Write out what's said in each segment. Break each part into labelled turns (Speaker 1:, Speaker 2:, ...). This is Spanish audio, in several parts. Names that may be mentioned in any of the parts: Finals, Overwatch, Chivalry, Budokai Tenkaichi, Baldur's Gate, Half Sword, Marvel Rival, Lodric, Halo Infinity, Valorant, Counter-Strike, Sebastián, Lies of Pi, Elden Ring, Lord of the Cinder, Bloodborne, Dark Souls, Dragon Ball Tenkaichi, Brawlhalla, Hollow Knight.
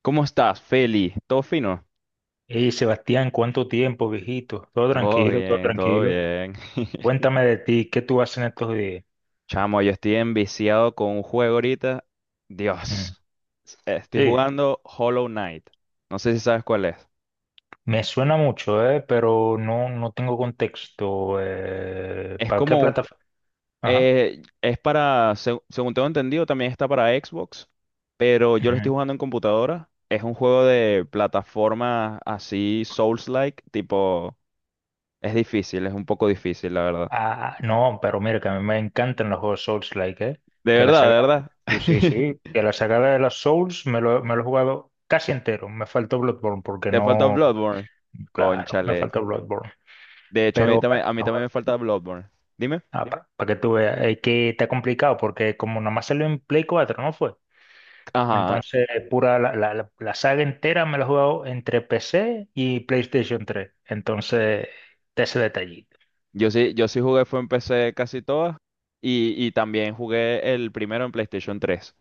Speaker 1: ¿Cómo estás, Feli? ¿Todo fino?
Speaker 2: Hey, Sebastián, ¿cuánto tiempo, viejito? Todo
Speaker 1: Todo
Speaker 2: tranquilo, todo
Speaker 1: bien, todo
Speaker 2: tranquilo.
Speaker 1: bien.
Speaker 2: Cuéntame de ti, ¿qué tú haces en estos días?
Speaker 1: Chamo, yo estoy enviciado con un juego ahorita.
Speaker 2: Mm.
Speaker 1: Dios. Estoy
Speaker 2: Sí,
Speaker 1: jugando Hollow Knight. No sé si sabes cuál es.
Speaker 2: me suena mucho, pero no, no tengo contexto.
Speaker 1: Es
Speaker 2: ¿Para qué
Speaker 1: como,
Speaker 2: plataforma? Ajá.
Speaker 1: es para, según tengo entendido, también está para Xbox, pero yo lo estoy
Speaker 2: Ujú.
Speaker 1: jugando en computadora. Es un juego de plataforma así, Souls-like, tipo, es difícil, es un poco difícil, la verdad.
Speaker 2: Ah, no, pero mira, que a mí me encantan los juegos Souls-like.
Speaker 1: De
Speaker 2: Que la
Speaker 1: verdad, de
Speaker 2: saga,
Speaker 1: verdad.
Speaker 2: sí, sí, sí, que la saga de los Souls me lo he jugado casi entero. Me faltó Bloodborne porque
Speaker 1: Te falta
Speaker 2: no,
Speaker 1: Bloodborne.
Speaker 2: claro, me
Speaker 1: Cónchale.
Speaker 2: faltó Bloodborne.
Speaker 1: De hecho,
Speaker 2: Pero,
Speaker 1: a mí también me falta Bloodborne. Dime.
Speaker 2: ah, dime. Para que tú veas, es que está complicado porque como nomás salió en Play 4, ¿no fue?
Speaker 1: Ajá,
Speaker 2: Entonces, pura la saga entera me la he jugado entre PC y PlayStation 3. Entonces, está ese detallito.
Speaker 1: yo sí jugué, fue en PC casi todas. Y también jugué el primero en PlayStation tres.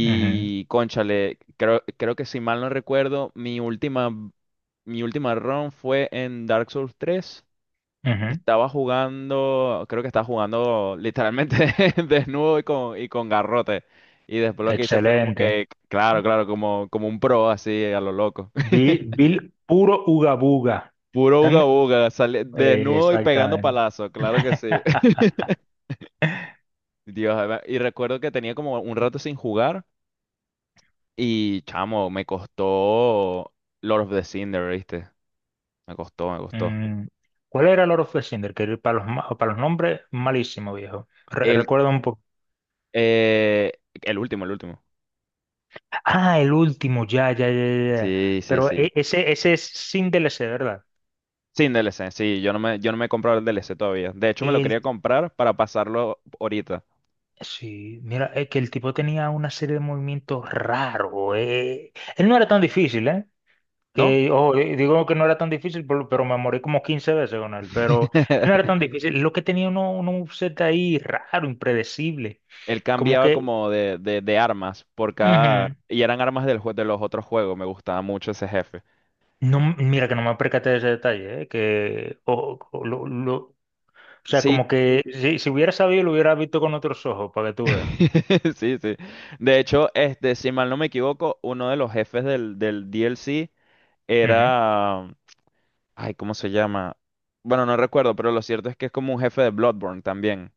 Speaker 2: Ujú,
Speaker 1: cónchale, creo que si mal no recuerdo, mi última run fue en Dark Souls tres.
Speaker 2: ujú.
Speaker 1: Estaba jugando, creo que estaba jugando literalmente desnudo y con garrote. Y después lo que hice fue como
Speaker 2: Excelente.
Speaker 1: que, claro, claro, como, como un pro así a lo loco.
Speaker 2: Bill Bill puro ugabuga.
Speaker 1: Puro uga
Speaker 2: Dando-
Speaker 1: uga, sale desnudo y pegando
Speaker 2: exactamente.
Speaker 1: palazo, claro que sí. Dios, a ver, y recuerdo que tenía como un rato sin jugar y chamo, me costó Lord of the Cinder, ¿viste? Me costó, me costó.
Speaker 2: Mm, ¿cuál era el Lord of the Cinder? Que para los nombres, malísimo, viejo. Re-
Speaker 1: El,
Speaker 2: recuerda un poco.
Speaker 1: eh, el último, el último.
Speaker 2: Ah, el último, ya, ya, ya, ya. Ya.
Speaker 1: Sí, sí,
Speaker 2: Pero
Speaker 1: sí.
Speaker 2: ese es sin DLC, ¿verdad?
Speaker 1: Sin D L C, sí, yo no me he comprado el D L C todavía. De hecho, me lo quería
Speaker 2: El,
Speaker 1: comprar para pasarlo ahorita,
Speaker 2: sí, mira, es que el tipo tenía una serie de movimientos raros. Él no era tan difícil, ¿eh?
Speaker 1: ¿no?
Speaker 2: Que, ojo, digo que no era tan difícil, pero me morí como 15 veces con él. Pero él no era tan difícil. Lo que tenía uno un set ahí raro, impredecible.
Speaker 1: Él
Speaker 2: Como
Speaker 1: cambiaba
Speaker 2: que.
Speaker 1: como de armas por cada...
Speaker 2: Ujú.
Speaker 1: Y eran armas de los otros juegos. Me gustaba mucho ese jefe.
Speaker 2: No, mira que no me percaté de ese detalle, ¿eh? Que o- lo- O sea,
Speaker 1: Sí,
Speaker 2: como que si, si hubiera sabido, lo hubiera visto con otros ojos, para que tú veas.
Speaker 1: sí, sí. De hecho, este, si mal no me equivoco, uno de los jefes del D L C
Speaker 2: Ujú.
Speaker 1: era... Ay, ¿cómo se llama? Bueno, no recuerdo, pero lo cierto es que es como un jefe de Bloodborne también.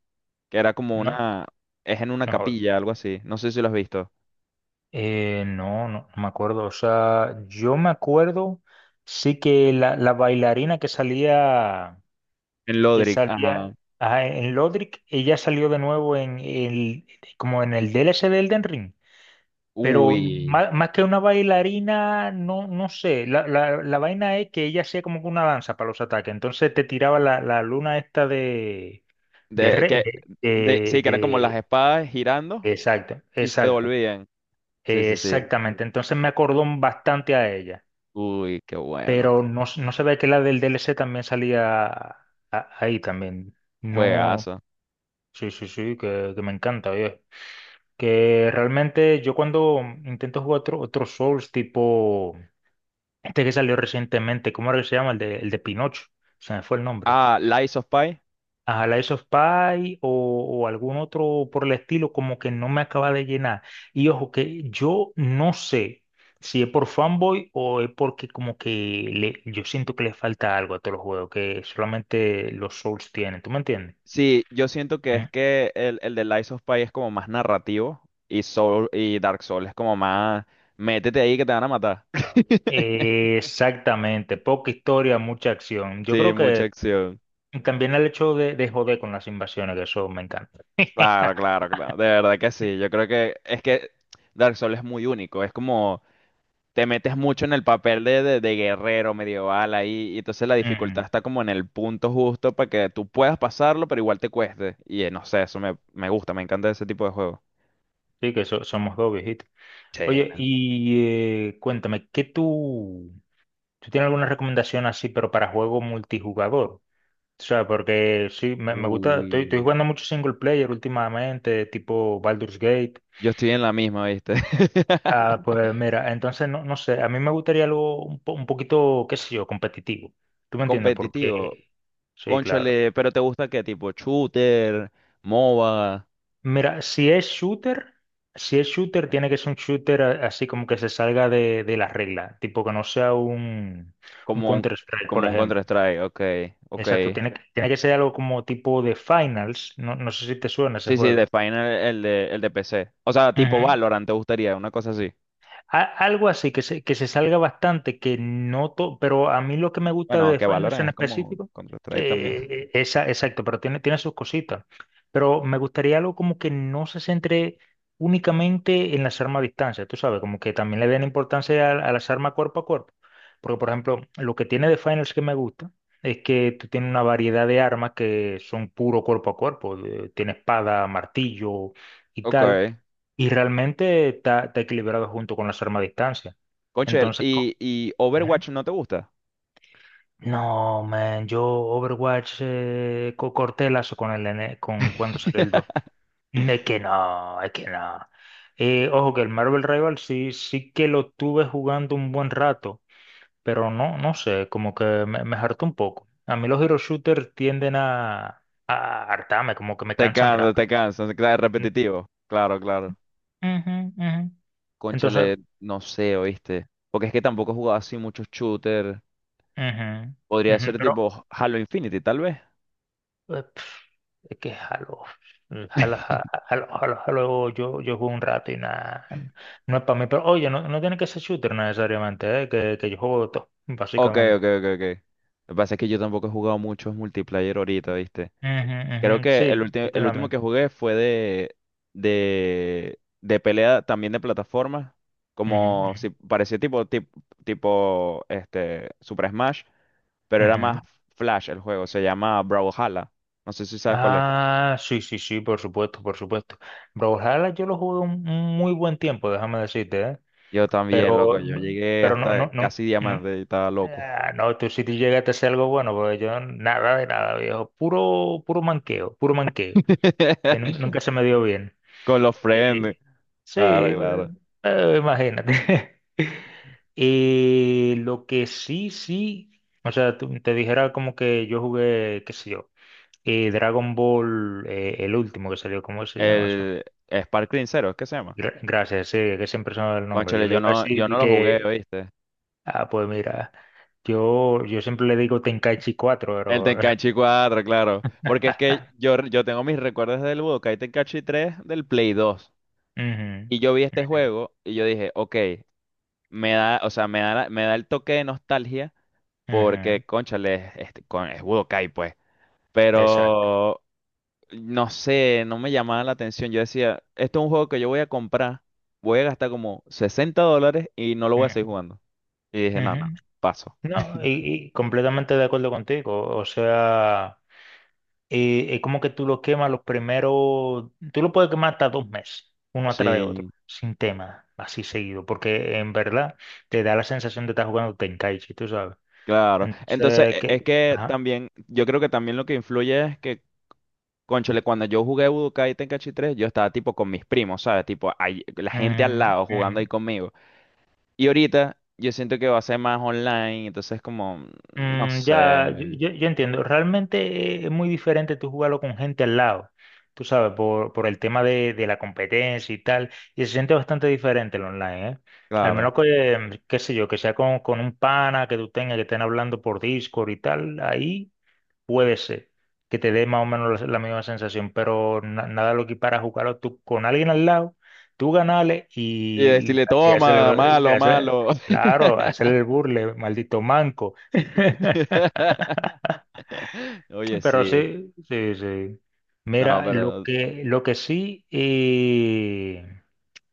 Speaker 1: Que era como
Speaker 2: No,
Speaker 1: una... Es en una
Speaker 2: no jodas.
Speaker 1: capilla, algo así. No sé si lo has visto.
Speaker 2: No, no, no me acuerdo. O sea, yo me acuerdo, sí que la bailarina
Speaker 1: En
Speaker 2: que
Speaker 1: Lodric, ajá.
Speaker 2: salía ajá, en Lodric, ella salió de nuevo como en el DLC de Elden Ring. Pero
Speaker 1: Uy.
Speaker 2: más, más que una bailarina, no, no sé. La vaina es que ella hacía como que una danza para los ataques. Entonces te tiraba la luna esta de De,
Speaker 1: De,
Speaker 2: re-
Speaker 1: que,
Speaker 2: de, de-
Speaker 1: sí, que eran como las
Speaker 2: de-
Speaker 1: espadas girando
Speaker 2: exacto,
Speaker 1: y se
Speaker 2: exacto,
Speaker 1: devolvían. Sí, sí, sí.
Speaker 2: exactamente. Entonces me acordó bastante a ella,
Speaker 1: Uy, qué bueno.
Speaker 2: pero no, no sabía que la del DLC también salía ahí también. No,
Speaker 1: Juegazo.
Speaker 2: sí, sí, sí, que me encanta, oye. Que realmente yo cuando intento jugar otro Souls tipo este que salió recientemente, ¿cómo era que se llama? El de Pinocho, se me fue el nombre.
Speaker 1: Ah, Lies of Pi.
Speaker 2: A Lies of Pi o algún otro por el estilo, como que no me acaba de llenar. Y ojo, que yo no sé si es por fanboy o es porque como que yo siento que le falta algo a todos los juegos, que solamente los Souls tienen, ¿tú me entiendes?
Speaker 1: Sí, yo siento que es
Speaker 2: ¿Mm?
Speaker 1: que el de Lies of Pi es como más narrativo y, Soul, y Dark Souls es como más... Métete ahí que te van a matar.
Speaker 2: Exactamente, poca historia, mucha acción. Yo
Speaker 1: Sí,
Speaker 2: creo
Speaker 1: mucha
Speaker 2: que
Speaker 1: acción.
Speaker 2: también el hecho de joder con las invasiones, que eso me encanta.
Speaker 1: Claro, claro, claro. De verdad que sí. Yo creo que es que Dark Souls es muy único. Es como... te metes mucho en el papel de, de guerrero medieval ahí, y entonces la dificultad
Speaker 2: Ujú.
Speaker 1: está como en el punto justo para que tú puedas pasarlo, pero igual te cueste. Y no sé, eso me, me gusta, me encanta ese tipo de juego.
Speaker 2: Sí, que somos dos viejitos.
Speaker 1: Che,
Speaker 2: Oye, y cuéntame, ¿qué tú? ¿Tú tienes alguna recomendación así, pero para juego multijugador? O sea, porque sí, me gusta,
Speaker 1: uy,
Speaker 2: estoy jugando mucho single player últimamente, tipo Baldur's Gate.
Speaker 1: yo estoy en la misma, ¿viste?
Speaker 2: Ah, pues mira, entonces no, no sé, a mí me gustaría algo un poquito, qué sé yo, competitivo. ¿Tú me entiendes?
Speaker 1: Competitivo,
Speaker 2: Porque, sí, claro.
Speaker 1: cónchale, pero ¿te gusta qué tipo? Shooter, MOBA,
Speaker 2: Mira, si es shooter, tiene que ser un shooter así como que se salga de la regla, tipo que no sea un
Speaker 1: como un,
Speaker 2: Counter-Strike, por
Speaker 1: como un
Speaker 2: ejemplo.
Speaker 1: Counter-Strike, ok, ok.
Speaker 2: Exacto, tiene que ser algo como tipo de Finals. No, no sé si te suena ese
Speaker 1: Sí, sí,
Speaker 2: juego.
Speaker 1: de Final, el de PC. O sea, tipo
Speaker 2: Ujú.
Speaker 1: Valorant, ¿te gustaría? Una cosa así.
Speaker 2: Algo así, que se salga bastante, que no todo, pero a mí lo que me gusta
Speaker 1: Bueno,
Speaker 2: de
Speaker 1: que
Speaker 2: Finals
Speaker 1: valoran
Speaker 2: en
Speaker 1: es como
Speaker 2: específico,
Speaker 1: Counter-Strike también.
Speaker 2: esa, exacto, pero tiene sus cositas. Pero me gustaría algo como que no se centre únicamente en las armas a distancia, tú sabes, como que también le den importancia a las armas cuerpo a cuerpo. Porque, por ejemplo, lo que tiene de Finals que me gusta es que tú tienes una variedad de armas que son puro cuerpo a cuerpo, tiene espada, martillo y
Speaker 1: Ok.
Speaker 2: tal y realmente está equilibrado junto con las armas a distancia.
Speaker 1: Conchel,
Speaker 2: Entonces,
Speaker 1: y
Speaker 2: Ujú.
Speaker 1: Overwatch no te gusta?
Speaker 2: No, man, yo Overwatch corté lazo con con cuando salió el dos. Es que no, es que no. Ojo que el Marvel Rival sí, sí que lo tuve jugando un buen rato, pero no, no sé, como que me hartó un poco. A mí los hero shooters tienden a hartarme, como que me cansan
Speaker 1: Te
Speaker 2: rápido.
Speaker 1: cansa, se queda
Speaker 2: Mm.
Speaker 1: repetitivo. Claro, claro.
Speaker 2: Ujú, ujú. Entonces,
Speaker 1: Cónchale, no sé, ¿oíste? Porque es que tampoco he jugado así muchos shooters.
Speaker 2: ujú,
Speaker 1: Podría
Speaker 2: ujú,
Speaker 1: ser tipo Halo Infinity, tal vez.
Speaker 2: pero es que jalo, jalo, jalo, jalo, jalo, yo juego un rato y nada, no es para mí, pero oye, no, no tiene que ser shooter necesariamente, ¿eh? Que yo juego de todo,
Speaker 1: Ok,
Speaker 2: básicamente.
Speaker 1: ok, ok, ok. Lo que pasa es que yo tampoco he jugado muchos multiplayer ahorita, ¿viste?
Speaker 2: Ujú,
Speaker 1: Creo
Speaker 2: ujú.
Speaker 1: que
Speaker 2: Sí, yo
Speaker 1: el
Speaker 2: tengo la
Speaker 1: último
Speaker 2: misma.
Speaker 1: que jugué fue de pelea también de plataformas, como
Speaker 2: Ujú,
Speaker 1: si parecía tipo, tipo, este Super Smash, pero
Speaker 2: ujú,
Speaker 1: era más
Speaker 2: ujú.
Speaker 1: Flash el juego, se llama Brawlhalla. No sé si sabes cuál es.
Speaker 2: Ah, sí, sí, sí, por supuesto, por supuesto. Brawlhalla yo lo jugué un muy buen tiempo, déjame decirte, ¿eh?
Speaker 1: Yo también,
Speaker 2: Pero,
Speaker 1: loco, yo
Speaker 2: no-
Speaker 1: llegué
Speaker 2: pero no,
Speaker 1: hasta
Speaker 2: no, no,
Speaker 1: casi
Speaker 2: no.
Speaker 1: diamante y estaba loco.
Speaker 2: Ah, no, tú si tú llegaste a hacer algo bueno, porque yo nada de nada, viejo. Puro, puro manqueo, puro manqueo. Que nun- nunca se me dio bien.
Speaker 1: Con los
Speaker 2: Y-
Speaker 1: friends.
Speaker 2: sí,
Speaker 1: Claro, claro.
Speaker 2: imagínate. Y lo que sí, sí, o sea, te dijera como que yo jugué, qué sé yo, y Dragon Ball, el último que salió, ¿cómo se llama eso?
Speaker 1: El Sparkling Zero, ¿es que se llama?
Speaker 2: Gracias, sí, que siempre se me va el nombre. Yo
Speaker 1: Cónchale,
Speaker 2: le
Speaker 1: yo
Speaker 2: iba a
Speaker 1: no,
Speaker 2: decir
Speaker 1: yo no
Speaker 2: de
Speaker 1: lo jugué,
Speaker 2: que,
Speaker 1: ¿viste?
Speaker 2: ah, pues mira, yo siempre le digo Tenkaichi 4
Speaker 1: El
Speaker 2: pero.
Speaker 1: Tenkaichi 4, claro. Porque es que yo tengo mis recuerdos del Budokai Tenkaichi 3 del Play 2.
Speaker 2: Ujú,
Speaker 1: Y yo vi este juego y yo dije, ok, me da, o sea, me da, me da el toque de nostalgia
Speaker 2: ujú,
Speaker 1: porque, cónchale, es, este, es Budokai, pues.
Speaker 2: exacto.
Speaker 1: Pero, no sé, no me llamaba la atención. Yo decía, esto es un juego que yo voy a comprar, voy a gastar como $60 y no lo voy a seguir
Speaker 2: Ujú,
Speaker 1: jugando. Y dije, no, no,
Speaker 2: ujú.
Speaker 1: paso.
Speaker 2: No, y completamente de acuerdo contigo. O sea, es como que tú lo quemas los primeros, tú lo puedes quemar hasta 2 meses, uno atrás de otro,
Speaker 1: Sí.
Speaker 2: sin tema, así seguido, porque en verdad te da la sensación de estar jugando Tenkaichi, tú sabes.
Speaker 1: Claro, entonces
Speaker 2: Entonces,
Speaker 1: es
Speaker 2: que.
Speaker 1: que
Speaker 2: Ajá.
Speaker 1: también, yo creo que también lo que influye es que, cónchale, cuando yo jugué Budokai Tenkaichi 3, yo estaba tipo con mis primos, ¿sabes? Tipo, ahí- la gente al
Speaker 2: Ujú,
Speaker 1: lado jugando ahí
Speaker 2: ujú.
Speaker 1: conmigo. Y ahorita yo siento que va a ser más online, entonces como, no
Speaker 2: Mm, ya, yo,
Speaker 1: sé,
Speaker 2: yo- yo entiendo. Realmente es muy diferente tú jugarlo con gente al lado, tú sabes, por el tema de la competencia y tal. Y se siente bastante diferente el online, ¿eh? Al
Speaker 1: claro.
Speaker 2: menos que, qué sé yo, que sea con un pana, que tú tengas, que estén hablando por Discord y tal. Ahí puede ser que te dé más o menos la misma sensación, pero nada lo equipara a jugarlo tú con alguien al lado, tú ganarle
Speaker 1: Y
Speaker 2: y,
Speaker 1: decirle,
Speaker 2: y
Speaker 1: toma,
Speaker 2: hacerle,
Speaker 1: malo, malo.
Speaker 2: claro, hacerle el burle, maldito manco.
Speaker 1: Oye,
Speaker 2: Pero
Speaker 1: sí,
Speaker 2: sí, sí, sí.
Speaker 1: no,
Speaker 2: Mira, lo
Speaker 1: pero,
Speaker 2: que, lo que sí,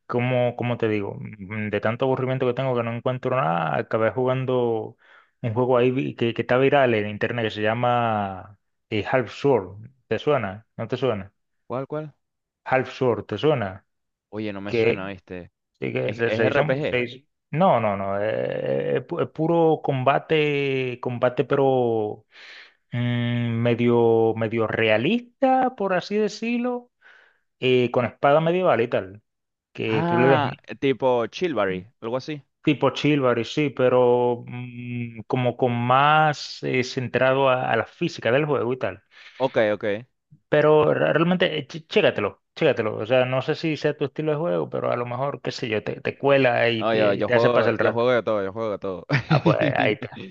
Speaker 2: como te digo, de tanto aburrimiento que tengo que no encuentro nada, acabé jugando un juego ahí que está viral en internet que se llama Half Sword. ¿Te suena? ¿No te suena?
Speaker 1: ¿cuál, cuál?
Speaker 2: Half Sword, ¿te suena?
Speaker 1: Oye, no me suena,
Speaker 2: Que,
Speaker 1: ¿viste?
Speaker 2: sí, que se,
Speaker 1: Es
Speaker 2: se hizo,
Speaker 1: RPG?
Speaker 2: se hizo- No, no, no. Es puro combate, combate, pero medio, medio realista, por así decirlo, con espada medieval y tal. Que tú le des.
Speaker 1: Ah, tipo Chilbury, algo así.
Speaker 2: Tipo Chivalry, sí, pero como con más centrado a la física del juego y tal.
Speaker 1: Ok, ok.
Speaker 2: Pero realmente, chécatelo, chécatelo. O sea, no sé si sea tu estilo de juego, pero a lo mejor, qué sé yo, te cuela y
Speaker 1: No, yo,
Speaker 2: te, y te hace pasar el
Speaker 1: yo
Speaker 2: rato.
Speaker 1: juego de todo, yo juego de todo.
Speaker 2: Ah, pues ahí está.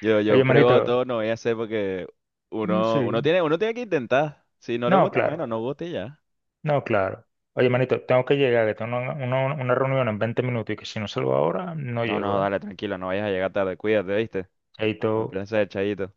Speaker 1: Yo
Speaker 2: Oye,
Speaker 1: pruebo de
Speaker 2: manito,
Speaker 1: todo, no voy a hacer porque
Speaker 2: mm,
Speaker 1: uno,
Speaker 2: sí.
Speaker 1: uno tiene que intentar. Si no le
Speaker 2: No,
Speaker 1: gusta, bueno,
Speaker 2: claro,
Speaker 1: no gusta y ya.
Speaker 2: no, claro. Oye, manito, tengo que llegar, que tengo una reunión en 20 minutos y que si no salgo ahora, no
Speaker 1: No, no,
Speaker 2: llego, ¿eh?
Speaker 1: dale, tranquilo, no vayas a llegar tarde, cuídate, ¿viste?
Speaker 2: Ahí
Speaker 1: Un
Speaker 2: todo.
Speaker 1: placer, chayito.